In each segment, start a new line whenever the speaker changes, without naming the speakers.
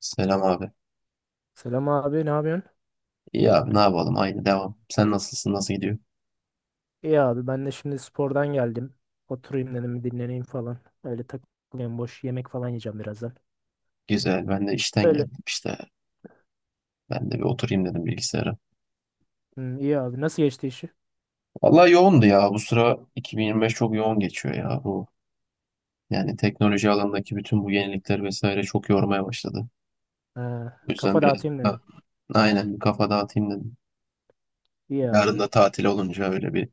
Selam abi.
Selam abi, ne yapıyorsun?
İyi abi ne yapalım aynı devam. Sen nasılsın nasıl gidiyor?
İyi abi, ben de şimdi spordan geldim. Oturayım dedim, dinleneyim falan. Öyle takılayım, boş yemek falan yiyeceğim birazdan.
Güzel ben de işten
Öyle.
geldim işte. Ben de bir oturayım dedim bilgisayara.
Hı, iyi abi, nasıl geçti işi?
Vallahi yoğundu ya bu sıra 2025 çok yoğun geçiyor ya bu. Yani teknoloji alanındaki bütün bu yenilikler vesaire çok yormaya başladı.
Ha,
O yüzden
kafa
biraz
dağıtayım
da
dedim.
aynen bir kafa dağıtayım dedim.
İyi abi.
Yarın da tatil olunca öyle bir.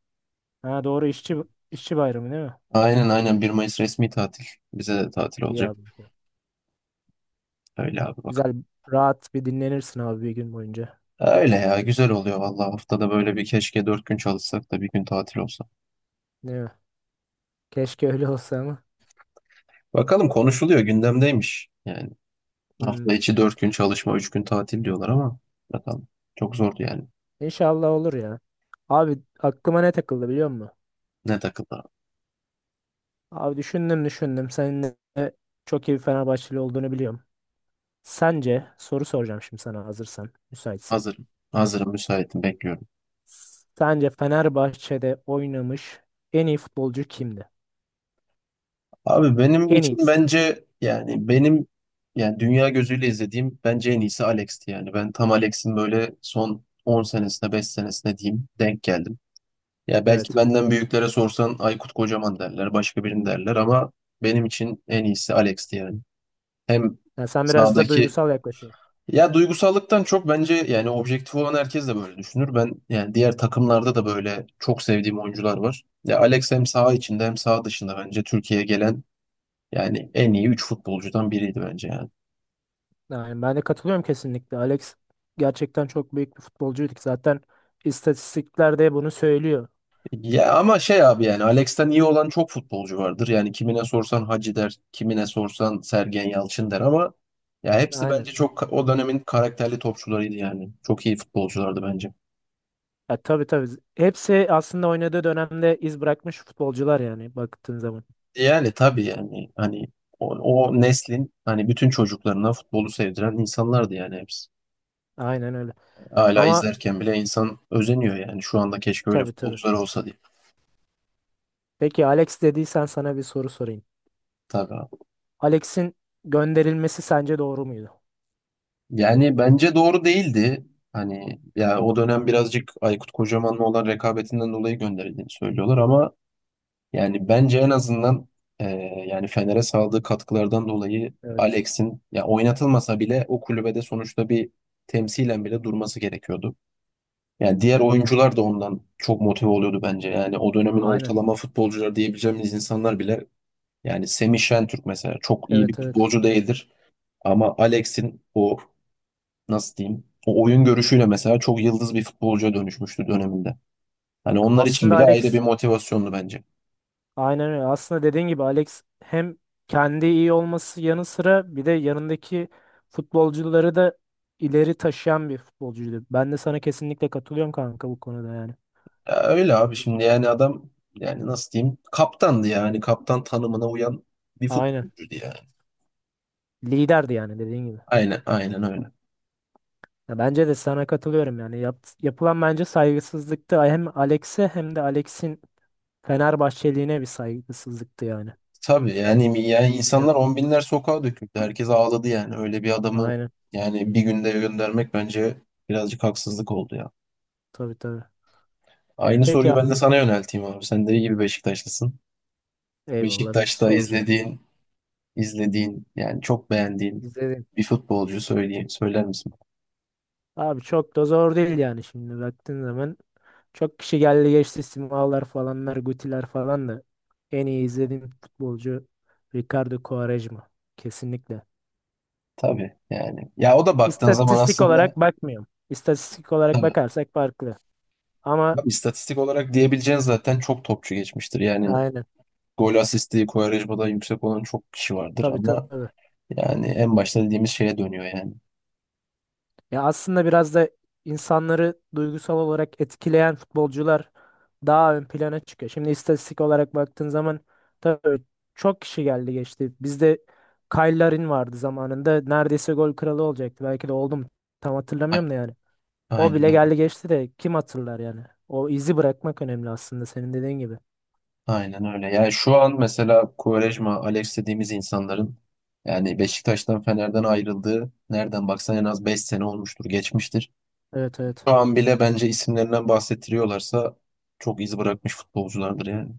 Ha doğru, işçi bayramı değil mi?
Aynen aynen 1 Mayıs resmi tatil. Bize de tatil
İyi
olacak.
abi.
Öyle abi bakalım.
Güzel, rahat bir dinlenirsin abi bir gün boyunca.
Öyle ya güzel oluyor vallahi haftada böyle bir keşke 4 gün çalışsak da bir gün tatil olsa.
Değil mi? Keşke öyle olsa ama.
Bakalım konuşuluyor gündemdeymiş. Yani
Hı,
hafta içi 4 gün çalışma 3 gün tatil diyorlar ama bakalım. Çok zordu yani.
İnşallah olur ya. Abi aklıma ne takıldı biliyor musun?
Ne takıldı?
Abi düşündüm düşündüm. Senin de çok iyi bir Fenerbahçeli olduğunu biliyorum. Sence soru soracağım şimdi sana hazırsan, müsaitsen.
Hazırım. Hazırım müsaitim bekliyorum.
Sence Fenerbahçe'de oynamış en iyi futbolcu kimdi?
Abi benim
En
için
iyisi.
bence yani benim yani dünya gözüyle izlediğim bence en iyisi Alex'ti yani. Ben tam Alex'in böyle son 10 senesine 5 senesine diyeyim denk geldim. Ya belki
Evet.
benden büyüklere sorsan Aykut Kocaman derler başka birini derler ama benim için en iyisi Alex'ti yani. Hem
Yani sen biraz da
sahadaki.
duygusal yaklaşıyorsun.
Ya duygusallıktan çok bence yani objektif olan herkes de böyle düşünür. Ben yani diğer takımlarda da böyle çok sevdiğim oyuncular var. Ya Alex hem saha içinde hem saha dışında bence Türkiye'ye gelen yani en iyi 3 futbolcudan biriydi bence yani.
Yani ben de katılıyorum kesinlikle. Alex gerçekten çok büyük bir futbolcuydu ki. Zaten istatistikler de bunu söylüyor.
Ya ama şey abi yani Alex'ten iyi olan çok futbolcu vardır. Yani kimine sorsan Hacı der, kimine sorsan Sergen Yalçın der ama ya hepsi
Aynen.
bence çok o dönemin karakterli topçularıydı yani. Çok iyi futbolculardı bence.
Ya, tabii tabii. Hepsi aslında oynadığı dönemde iz bırakmış futbolcular yani baktığın zaman.
Yani tabii yani hani o neslin hani bütün çocuklarına futbolu sevdiren insanlardı yani hepsi.
Aynen öyle.
Hala
Ama
izlerken bile insan özeniyor yani şu anda keşke öyle
tabii tabii.
futbolcular olsa diye.
Peki Alex dediysen sana bir soru sorayım.
Tabii abi.
Alex'in gönderilmesi sence doğru muydu?
Yani bence doğru değildi. Hani ya o dönem birazcık Aykut Kocaman'la olan rekabetinden dolayı gönderildiğini söylüyorlar ama yani bence en azından e, yani Fener'e sağladığı katkılardan dolayı
Evet.
Alex'in ya oynatılmasa bile o kulübede sonuçta bir temsilen bile durması gerekiyordu. Yani diğer oyuncular da ondan çok motive oluyordu bence. Yani o dönemin
Aynen.
ortalama futbolcular diyebileceğimiz insanlar bile yani Semih Şentürk mesela çok iyi bir
Evet evet.
futbolcu değildir. Ama Alex'in o nasıl diyeyim o oyun görüşüyle mesela çok yıldız bir futbolcuya dönüşmüştü döneminde. Hani onlar için
Aslında
bile ayrı bir
Alex
motivasyondu bence.
aynen öyle. Aslında dediğin gibi Alex hem kendi iyi olması yanı sıra bir de yanındaki futbolcuları da ileri taşıyan bir futbolcuydu. Ben de sana kesinlikle katılıyorum kanka bu konuda yani.
Ya öyle abi şimdi yani adam yani nasıl diyeyim kaptandı yani kaptan tanımına uyan bir
Aynen.
futbolcuydu yani.
Liderdi yani dediğin gibi.
Aynen aynen öyle.
Ya bence de sana katılıyorum yani. Yapılan bence saygısızlıktı hem Alex'e hem de Alex'in Fenerbahçeliğine bir saygısızlıktı yani.
Tabii yani,
Öyle
yani insanlar
düşünüyorum.
on binler sokağa döküldü. Herkes ağladı yani. Öyle bir adamı
Aynen.
yani bir günde göndermek bence birazcık haksızlık oldu ya.
Tabii tabii.
Aynı
Peki
soruyu ben de
abi.
sana yönelteyim abi. Sen de iyi bir Beşiktaşlısın.
Eyvallah biz
Beşiktaş'ta
sorduk.
izlediğin yani çok beğendiğin
İzledim.
bir futbolcu söyleyeyim, söyler misin?
Abi çok da zor değil yani şimdi baktığın zaman. Çok kişi geldi geçti Simalar falanlar Gutiler falan da. En iyi izlediğim futbolcu Ricardo Quaresma. Kesinlikle.
Tabii yani. Ya o da baktığın zaman
İstatistik
aslında
olarak bakmıyorum. İstatistik olarak
tabii.
bakarsak farklı. Ama
Bak, istatistik olarak diyebileceğin zaten çok topçu geçmiştir. Yani
aynen.
gol asisti, kovarajı da yüksek olan çok kişi vardır
Tabii
ama
tabii.
yani en başta dediğimiz şeye dönüyor yani.
Ya aslında biraz da insanları duygusal olarak etkileyen futbolcular daha ön plana çıkıyor. Şimdi istatistik olarak baktığın zaman tabii çok kişi geldi geçti. Bizde Kyle Larin vardı zamanında. Neredeyse gol kralı olacaktı. Belki de oldum. Tam
A-
hatırlamıyorum da yani. O bile
Aynen,
geldi geçti de kim hatırlar yani. O izi bırakmak önemli aslında senin dediğin gibi.
aynen öyle. Yani şu an mesela Quaresma, Alex dediğimiz insanların yani Beşiktaş'tan, Fener'den ayrıldığı nereden baksan en az 5 sene olmuştur, geçmiştir.
Evet evet.
Şu an bile bence isimlerinden bahsettiriyorlarsa çok iz bırakmış futbolculardır yani.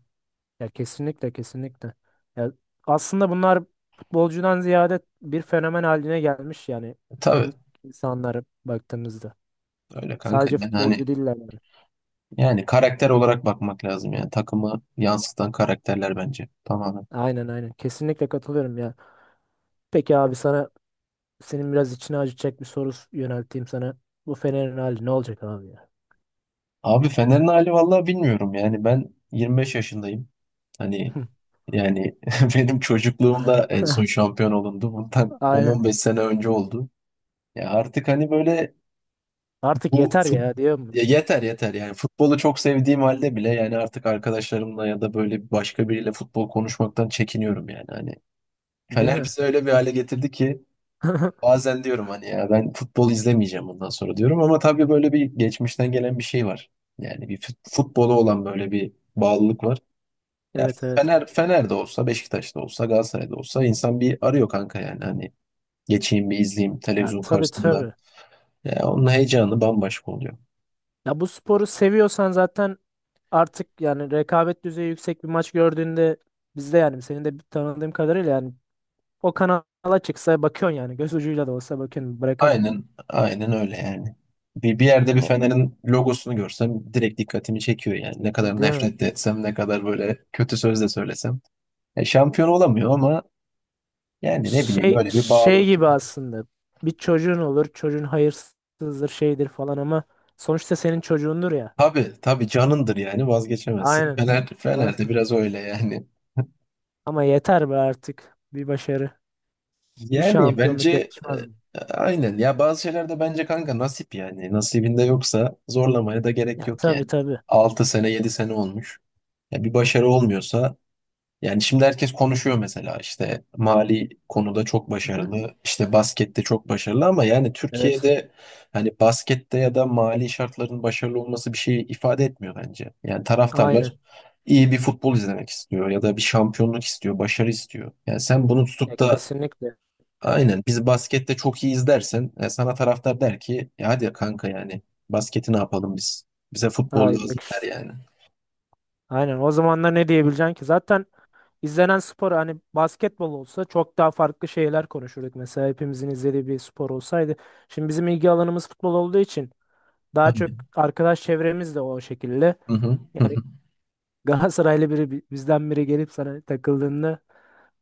Ya kesinlikle kesinlikle. Ya aslında bunlar futbolcudan ziyade bir fenomen haline gelmiş yani
E, tabii
insanlara baktığımızda.
öyle kanka.
Sadece
Yani hani
futbolcu değiller yani.
yani karakter olarak bakmak lazım yani. Takımı yansıtan karakterler bence tamamen.
Aynen aynen. Kesinlikle katılıyorum ya. Peki abi sana senin biraz içine acıtacak bir soru yönelteyim sana. Bu Fener'in hali ne olacak abi ya?
Abi Fener'in hali vallahi bilmiyorum yani ben 25 yaşındayım. Hani yani benim çocukluğumda en son şampiyon olundu. Bundan
Aynen.
10 beş sene önce oldu. Ya artık hani böyle
Artık
bu
yeter
fut
ya diyorum.
ya yeter yeter yani futbolu çok sevdiğim halde bile yani artık arkadaşlarımla ya da böyle başka biriyle futbol konuşmaktan çekiniyorum yani hani.
Değil
Fener
mi?
bizi öyle bir hale getirdi ki bazen diyorum hani ya ben futbol izlemeyeceğim bundan sonra diyorum ama tabii böyle bir geçmişten gelen bir şey var. Yani bir futbola olan böyle bir bağlılık var. Ya
Evet evet.
Fener'de olsa, Beşiktaş'ta olsa, Galatasaray'da olsa insan bir arıyor kanka yani hani geçeyim bir izleyeyim
Ya
televizyon
tabii
karşısında.
tabii.
Ya onun heyecanı bambaşka oluyor.
Ya bu sporu seviyorsan zaten artık yani rekabet düzeyi yüksek bir maç gördüğünde bizde yani senin de tanıdığım kadarıyla yani o kanala çıksa bakıyorsun yani göz ucuyla da olsa bakıyorsun bırakamıyorsun.
Aynen, aynen öyle yani. Bir yerde bir
Ama
Fener'in logosunu görsem direkt dikkatimi çekiyor yani. Ne kadar
değil mi?
nefret de etsem, ne kadar böyle kötü söz de söylesem. E, şampiyon olamıyor ama yani ne bileyim
Şey
böyle bir
şey
bağlılık.
gibi aslında bir çocuğun olur çocuğun hayırsızdır şeydir falan ama sonuçta senin çocuğundur ya.
Tabii tabii canındır yani vazgeçemezsin.
Aynen.
Fener'de
Ba-
biraz öyle yani.
Ama yeter be artık bir başarı bir
Yani
şampiyonluk
bence
yakışmaz mı?
aynen ya bazı şeylerde bence kanka nasip yani nasibinde yoksa zorlamaya da gerek
Ya
yok
tabii
yani.
tabii.
6 sene 7 sene olmuş. Ya bir başarı olmuyorsa yani şimdi herkes konuşuyor mesela işte mali konuda çok
Hı-hı.
başarılı işte baskette çok başarılı ama yani
Evet.
Türkiye'de hani baskette ya da mali şartların başarılı olması bir şey ifade etmiyor bence. Yani
Aynen.
taraftarlar iyi bir futbol izlemek istiyor ya da bir şampiyonluk istiyor, başarı istiyor. Yani sen bunu
Ya
tutup da
kesinlikle.
aynen. Biz baskette çok iyiyiz dersen sana taraftar der ki "E hadi kanka yani basketi ne yapalım biz? Bize futbol
Ay
lazım"
bak
der
işte.
yani.
Aynen o zamanlar ne diyebileceksin ki? Zaten izlenen spor hani basketbol olsa çok daha farklı şeyler konuşurduk. Mesela hepimizin izlediği bir spor olsaydı. Şimdi bizim ilgi alanımız futbol olduğu için daha çok
Aynen.
arkadaş çevremiz de o şekilde.
Hı hı. Hı
Yani
hı.
Galatasaraylı biri bizden biri gelip sana takıldığında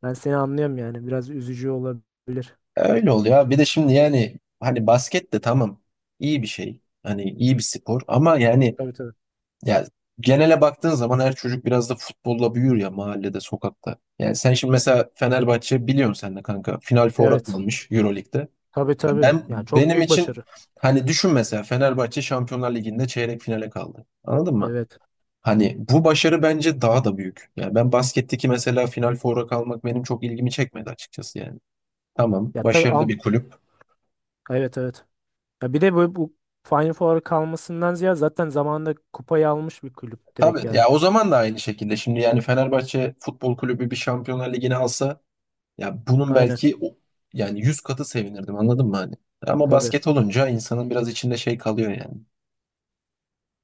ben seni anlıyorum yani. Biraz üzücü olabilir.
E, öyle oluyor abi. Bir de şimdi yani hani basket de tamam iyi bir şey. Hani iyi bir spor ama yani
Tabii tabii.
ya genele baktığın zaman her çocuk biraz da futbolla büyür ya mahallede, sokakta. Yani sen şimdi mesela Fenerbahçe biliyorsun sen de kanka. Final Four'a
Evet.
kalmış Euroleague'de.
Tabii
Ya
tabii.
ben
Yani çok
benim
büyük
için
başarı.
hani düşün mesela Fenerbahçe Şampiyonlar Ligi'nde çeyrek finale kaldı. Anladın mı?
Evet.
Hani bu başarı bence daha da büyük. Yani ben basketteki mesela final foura kalmak benim çok ilgimi çekmedi açıkçası yani. Tamam,
Ya tabii
başarılı bir
ama
kulüp.
evet evet. Ya bir de bu Final Four'a kalmasından ziyade zaten zamanında kupayı almış bir kulüp direkt
Tabii ya
yani.
o zaman da aynı şekilde şimdi yani Fenerbahçe Futbol Kulübü bir Şampiyonlar Ligi'ni alsa ya bunun
Aynen.
belki yani 100 katı sevinirdim anladın mı hani? Ama
Tabii.
basket olunca insanın biraz içinde şey kalıyor yani.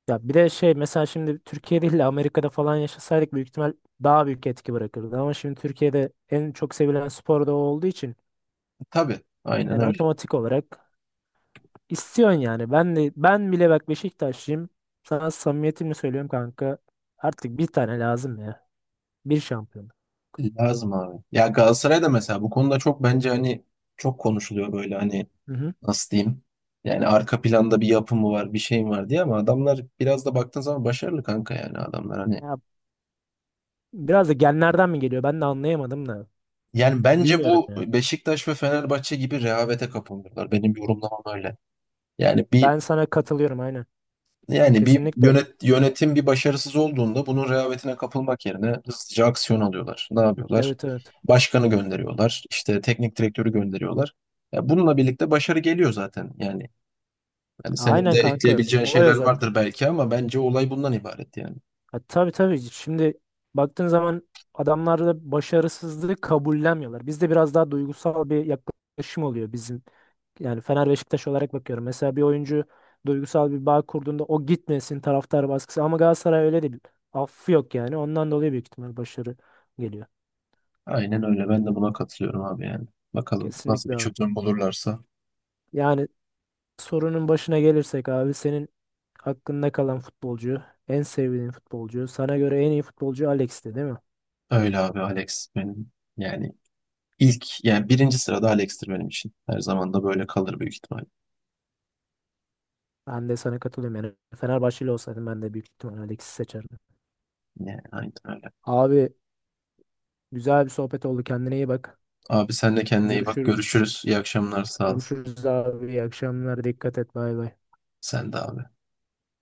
Ya bir de şey mesela şimdi Türkiye değil de Amerika'da falan yaşasaydık büyük ihtimal daha büyük etki bırakırdı. Ama şimdi Türkiye'de en çok sevilen spor da o olduğu için
Tabii, aynen
yani
öyle.
otomatik olarak istiyorsun yani. Ben de ben bile bak Beşiktaşlıyım. Sana samimiyetimle söylüyorum kanka. Artık bir tane lazım ya. Bir şampiyon.
Lazım abi. Ya Galatasaray'da mesela bu konuda çok bence hani çok konuşuluyor böyle hani
Hı hı.
nasıl diyeyim? Yani arka planda bir yapı mı var, bir şey mi var diye ama adamlar biraz da baktığın zaman başarılı kanka yani adamlar hani.
Ya biraz da genlerden mi geliyor? Ben de anlayamadım da.
Yani bence
Bilmiyorum
bu
ya.
Beşiktaş ve Fenerbahçe gibi rehavete kapılıyorlar. Benim yorumlamam öyle. Yani bir
Ben sana katılıyorum aynen.
Yani bir
Kesinlikle.
yönetim bir başarısız olduğunda bunun rehavetine kapılmak yerine hızlıca aksiyon alıyorlar. Ne yapıyorlar?
Evet evet.
Başkanı gönderiyorlar, işte teknik direktörü gönderiyorlar. Ya bununla birlikte başarı geliyor zaten. Yani senin
Aynen
de
kanka.
ekleyebileceğin
Olay o
şeyler
zaten.
vardır belki ama bence olay bundan ibaret yani.
Ha, tabii tabii. Şimdi baktığın zaman adamlar da başarısızlığı kabullenmiyorlar. Bizde biraz daha duygusal bir yaklaşım oluyor bizim. Yani Fener Beşiktaş olarak bakıyorum. Mesela bir oyuncu duygusal bir bağ kurduğunda o gitmesin taraftar baskısı. Ama Galatasaray öyle değil. Affı yok yani. Ondan dolayı büyük ihtimal başarı geliyor.
Aynen öyle. Ben de buna katılıyorum abi yani. Bakalım nasıl bir
Kesinlikle abi.
çözüm bulurlarsa.
Yani sorunun başına gelirsek abi senin hakkında kalan futbolcu, en sevdiğin futbolcu, sana göre en iyi futbolcu Alex'ti değil mi?
Öyle abi Alex benim yani ilk yani birinci sırada Alex'tir benim için. Her zaman da böyle kalır büyük ihtimal.
Ben de sana katılıyorum yani. Fenerbahçeli olsaydım ben de büyük ihtimal Alex'i seçerdim.
Yani aynen öyle.
Abi güzel bir sohbet oldu. Kendine iyi bak.
Abi sen de kendine iyi bak.
Görüşürüz.
Görüşürüz. İyi akşamlar. Sağ ol.
Görüşürüz abi. İyi akşamlar. Dikkat et. Bay bay.
Sen de abi.